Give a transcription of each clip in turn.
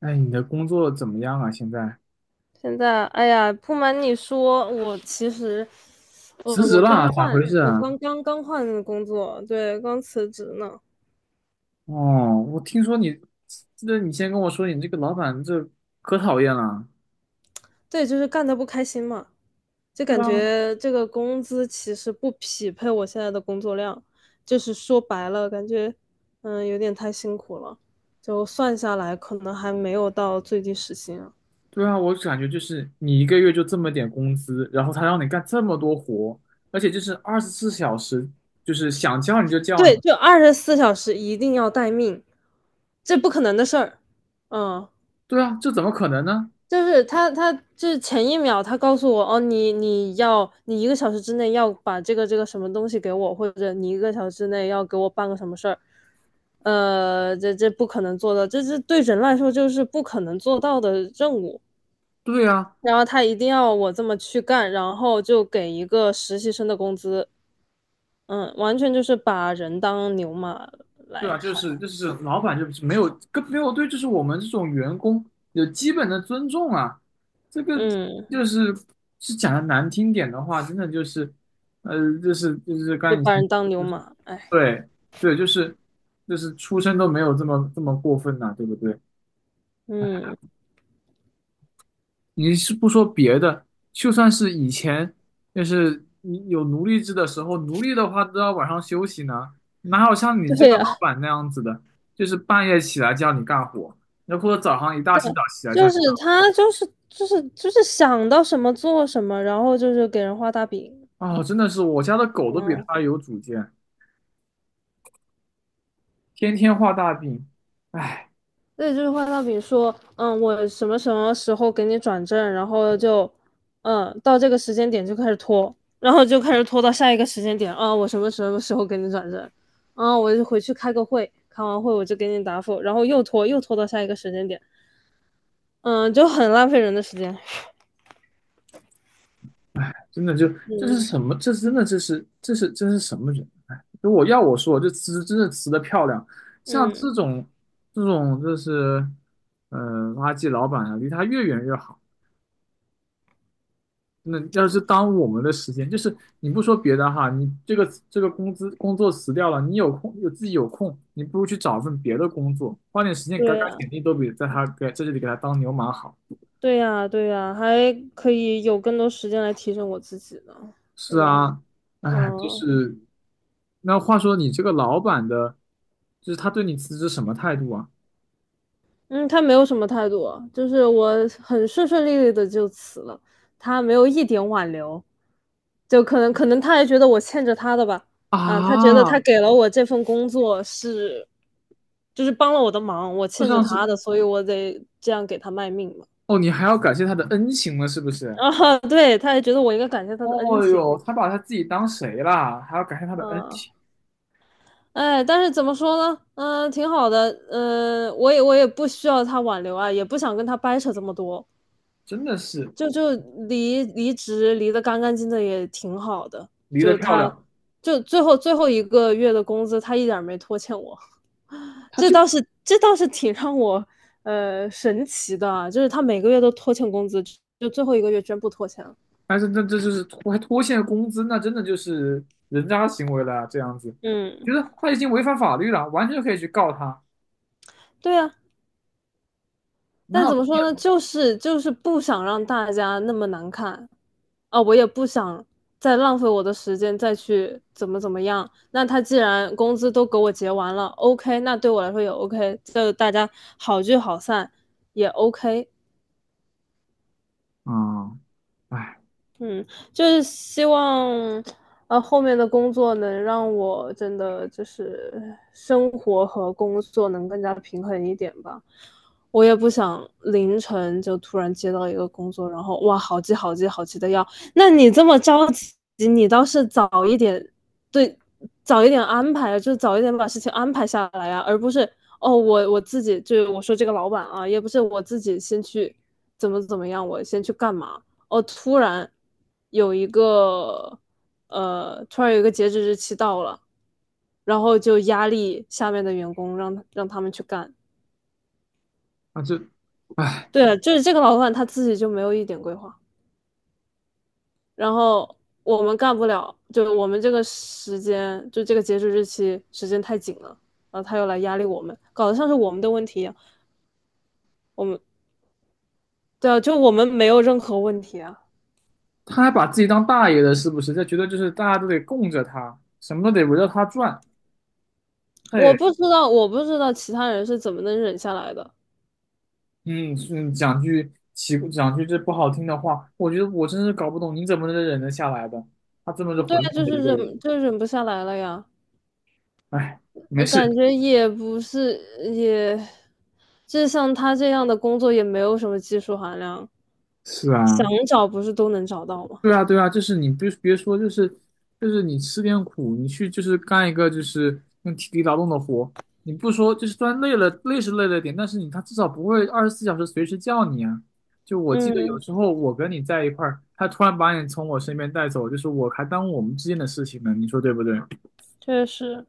哎，你的工作怎么样啊？现在现在，哎呀，不瞒你说，我其实，辞职了，咋回事我啊？刚换工作，对，刚辞职呢。哦，我听说你，记得你先跟我说你这个老板这可讨厌了。对，就是干的不开心嘛，就对感啊，觉这个工资其实不匹配我现在的工作量，就是说白了，感觉有点太辛苦了，就算下来可能还没有到最低时薪啊。对啊，我感觉就是你一个月就这么点工资，然后他让你干这么多活，而且就是二十四小时，就是想叫你就叫你。对，就24小时一定要待命，这不可能的事儿。嗯。对啊，这怎么可能呢？他就是前一秒他告诉我，哦，你一个小时之内要把这个什么东西给我，或者你一个小时之内要给我办个什么事儿，这不可能做到，这对人来说就是不可能做到的任务。对啊，然后他一定要我这么去干，然后就给一个实习生的工资，完全就是把人当牛马对来啊，就看，是就是老板就是没有对，就是我们这种员工有基本的尊重啊。这个嗯，就是讲的难听点的话，真的就是，就是刚就才以把前人当牛就是马，哎，对对，就是出身都没有这么这么过分呐、对不对？嗯，你是不说别的，就算是以前，就是你有奴隶制的时候，奴隶的话都要晚上休息呢，哪有像你这对个老呀，板那样子的，就是半夜起来叫你干活，然后或者早上一大清早起来叫就你是干。他就是想到什么做什么，然后就是给人画大饼，哦，真的是我家的狗都比嗯，他有主见，天天画大饼，唉。对，就是画大饼说，我什么时候给你转正，然后就，到这个时间点就开始拖，然后就开始拖到下一个时间点，啊，我什么时候给你转正，啊，我就回去开个会，开完会我就给你答复，然后又拖又拖到下一个时间点，嗯，就很浪费人的时间，真的就这是嗯什么？这真的这是什么人？哎，如果要我说，这词真的词的漂亮，像嗯，这种就是，呃，垃圾老板啊，离他越远越好。那要是耽误我们的时间，就是你不说别的哈，你这个工作辞掉了，你有空有自己有空，你不如去找份别的工作，花点时间改对改啊。简历，都比在这里给他当牛马好。对呀，对呀，还可以有更多时间来提升我自己呢，对是吧？啊，哎，就嗯是。那话说你这个老板的，就是他对你辞职什么态度啊？嗯，他没有什么态度啊。就是我很顺顺利利的就辞了，他没有一点挽留，就可能他还觉得我欠着他的吧，啊，他觉得他啊，给了我这份工作是，就是帮了我的忙，我这欠着像是他的，所以我得这样给他卖命嘛。哦，你还要感谢他的恩情了，是不 是？啊，对，他还觉得我应该感谢他的恩哦情，哟，他把他自己当谁啦？还要感谢他的恩嗯、情，哎，但是怎么说呢？嗯、挺好的。嗯、我也不需要他挽留啊，也不想跟他掰扯这么多，真的是就离职离得干干净净也挺好的。离得就漂他，亮。就最后一个月的工资，他一点儿没拖欠我，他这就，倒是这倒是挺让我神奇的啊，就是他每个月都拖欠工资，就最后一个月居然不拖欠了。还是这就是拖欠工资，那真的就是人渣行为了啊这样子，我嗯，觉得他已经违反法律了，完全可以去告他，对啊。哪但有怎么说呢，这就是不想让大家那么难看啊，我也不想再浪费我的时间再去怎么怎么样。那他既然工资都给我结完了，OK，那对我来说也 OK，就大家好聚好散也 OK。么啊？哎，嗯，就是希望，后面的工作能让我真的就是生活和工作能更加平衡一点吧。我也不想凌晨就突然接到一个工作，然后哇，好急好急好急的要。那你这么着急，你倒是早一点，对，早一点安排，就早一点把事情安排下来呀，而不是哦，我自己就我说这个老板啊，也不是我自己先去怎么怎么样，我先去干嘛。哦，有一个突然有一个截止日期到了，然后就压力下面的员工让他们去干。那这。哎。对啊，就是这个老板他自己就没有一点规划，然后我们干不了，就这个截止日期时间太紧了，然后他又来压力我们，搞得像是我们的问题一样。我们对啊，就我们没有任何问题啊。他还把自己当大爷了，是不是？他觉得就是大家都得供着他，什么都得围着他转。我嘿，不知道，其他人是怎么能忍下来的。嗯嗯，讲句这不好听的话，我觉得我真是搞不懂你怎么能忍得下来的。他这么是对混啊，蛋就的一是个忍，人。就忍不下来了呀。哎，没我事。感觉也不是，也，就像他这样的工作也没有什么技术含量，是想啊，找不是都能找到吗？对啊，对啊，就是你别说，就是你吃点苦，你去就是干一个就是用体力劳动的活，你不说就是虽然累了，累是累了点，但是你他至少不会二十四小时随时叫你啊。就我记得有嗯，时候我跟你在一块儿，他突然把你从我身边带走，就是我还耽误我们之间的事情呢，你说对不对？确实。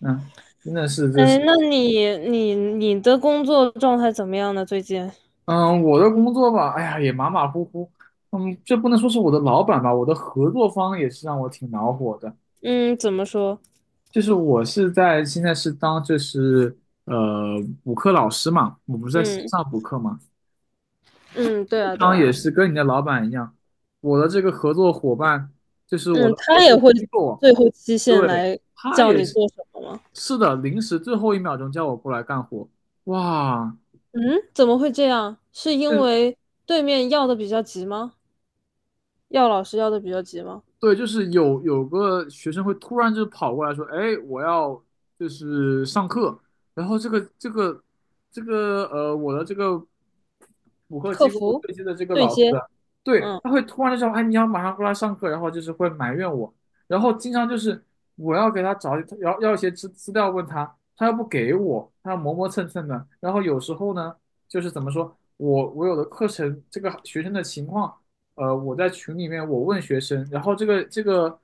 嗯，真的是，这哎，是，那你的工作状态怎么样呢？最近？嗯，我的工作吧，哎呀，也马马虎虎，嗯，这不能说是我的老板吧，我的合作方也是让我挺恼火的。嗯，怎么说？就是我是现在是当就是呃补课老师嘛，我不是在线嗯上补课嘛，嗯，对经啊对常啊，也是跟你的老板一样，我的这个合作伙伴就是我嗯，的合他也作会机构，最后期限对，来他叫也你是。做什么吗？是的，临时最后一秒钟叫我过来干活，哇，嗯，怎么会这样？是因为对面要的比较急吗？要老师要的比较急吗？对，就是有个学生会突然就跑过来说：“哎，我要就是上课。”然后这个我的这个补课客机构服对接的这个对老师，接，对，嗯。他会突然就说：“哎，你要马上过来上课。”然后就是会埋怨我，然后经常就是我要给他找要一些资料问他，他又不给我，他磨磨蹭蹭的。然后有时候呢，就是怎么说，我有的课程这个学生的情况。我在群里面我问学生，然后这个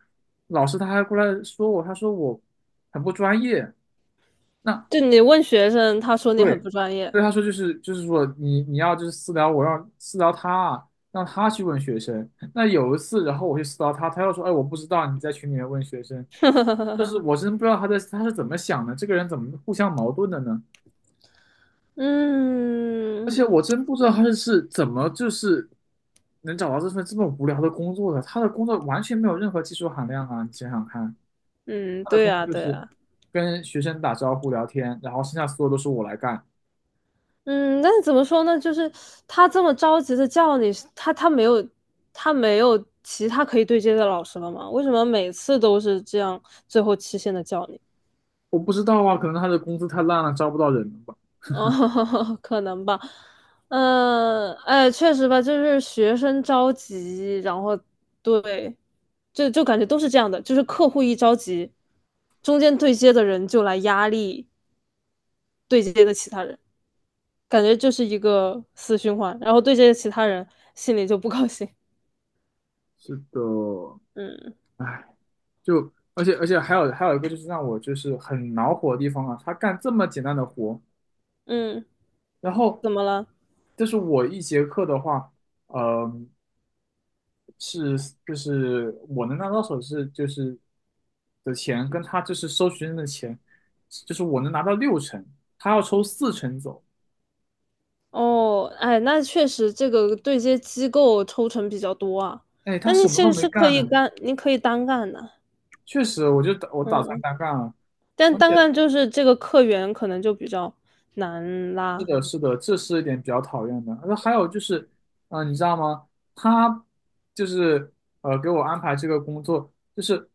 老师他还过来说我，他说我很不专业。那就你问学生，他说你对，很不专业。对他说就是说你要就是私聊我，让私聊他啊，让他去问学生。那有一次，然后我去私聊他，他又说，哎，我不知道你在群里面问学生，就是我真不知道他是怎么想的，这个人怎么互相矛盾的呢？而嗯且我真不知道他是怎么就是能找到这份这么无聊的工作的，他的工作完全没有任何技术含量啊！你想想看。嗯，他的对工作呀，就对是呀，跟学生打招呼聊天，然后剩下所有都是我来干。嗯，但是怎么说呢？就是他这么着急的叫你，他他没有他没有其他可以对接的老师了吗？为什么每次都是这样，最后期限的叫你？我不知道啊，可能他的工资太烂了，招不到人了吧？哦，可能吧。哎，确实吧，就是学生着急，然后对，就感觉都是这样的，就是客户一着急，中间对接的人就来压力对接的其他人，感觉就是一个死循环。然后对接的其他人心里就不高兴，是的，嗯唉，就而且还有一个就是让我就是很恼火的地方啊，他干这么简单的活，嗯，然后怎么了？就是我一节课的话，呃，是就是我能拿到手是就是的钱，跟他就是收学生的钱，就是我能拿到六成，他要抽四成走。哦，哎，那确实这个对接机构抽成比较多啊。哎，他那你什么其都实没是可干呢，以干，你可以单干的，确实，我就打算嗯，单干了，但而单且干就是这个客源可能就比较难是拉，的，是的，这是一点比较讨厌的。那还有就是，你知道吗？他就是给我安排这个工作，就是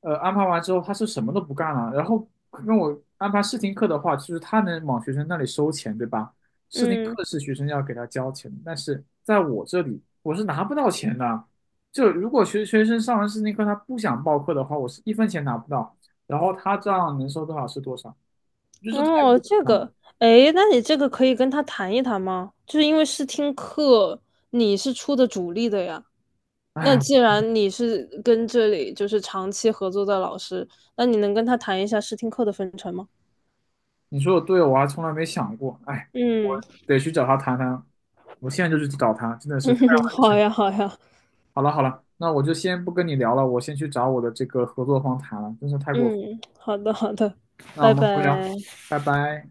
安排完之后，他是什么都不干了，然后跟我安排试听课的话，就是他能往学生那里收钱，对吧？试听嗯，课是学生要给他交钱的但是在我这里我是拿不到钱的。就如果学生上完试听课他不想报课的话，我是一分钱拿不到，然后他这样能收多少是多少。我觉得这太哦，过分了。哎，那你这个可以跟他谈一谈吗？就是因为试听课你是出的主力的呀。那哎，既然你是跟这里就是长期合作的老师，那你能跟他谈一下试听课的分成吗？你说的对，我还从来没想过。哎，我嗯 得去找他谈谈。我现在就去找他，真的 是太让嗯，人好生呀气。好呀，好了好了，那我就先不跟你聊了，我先去找我的这个合作方谈了，真是太过分。嗯，好的好的，那我拜们回聊，拜。拜拜。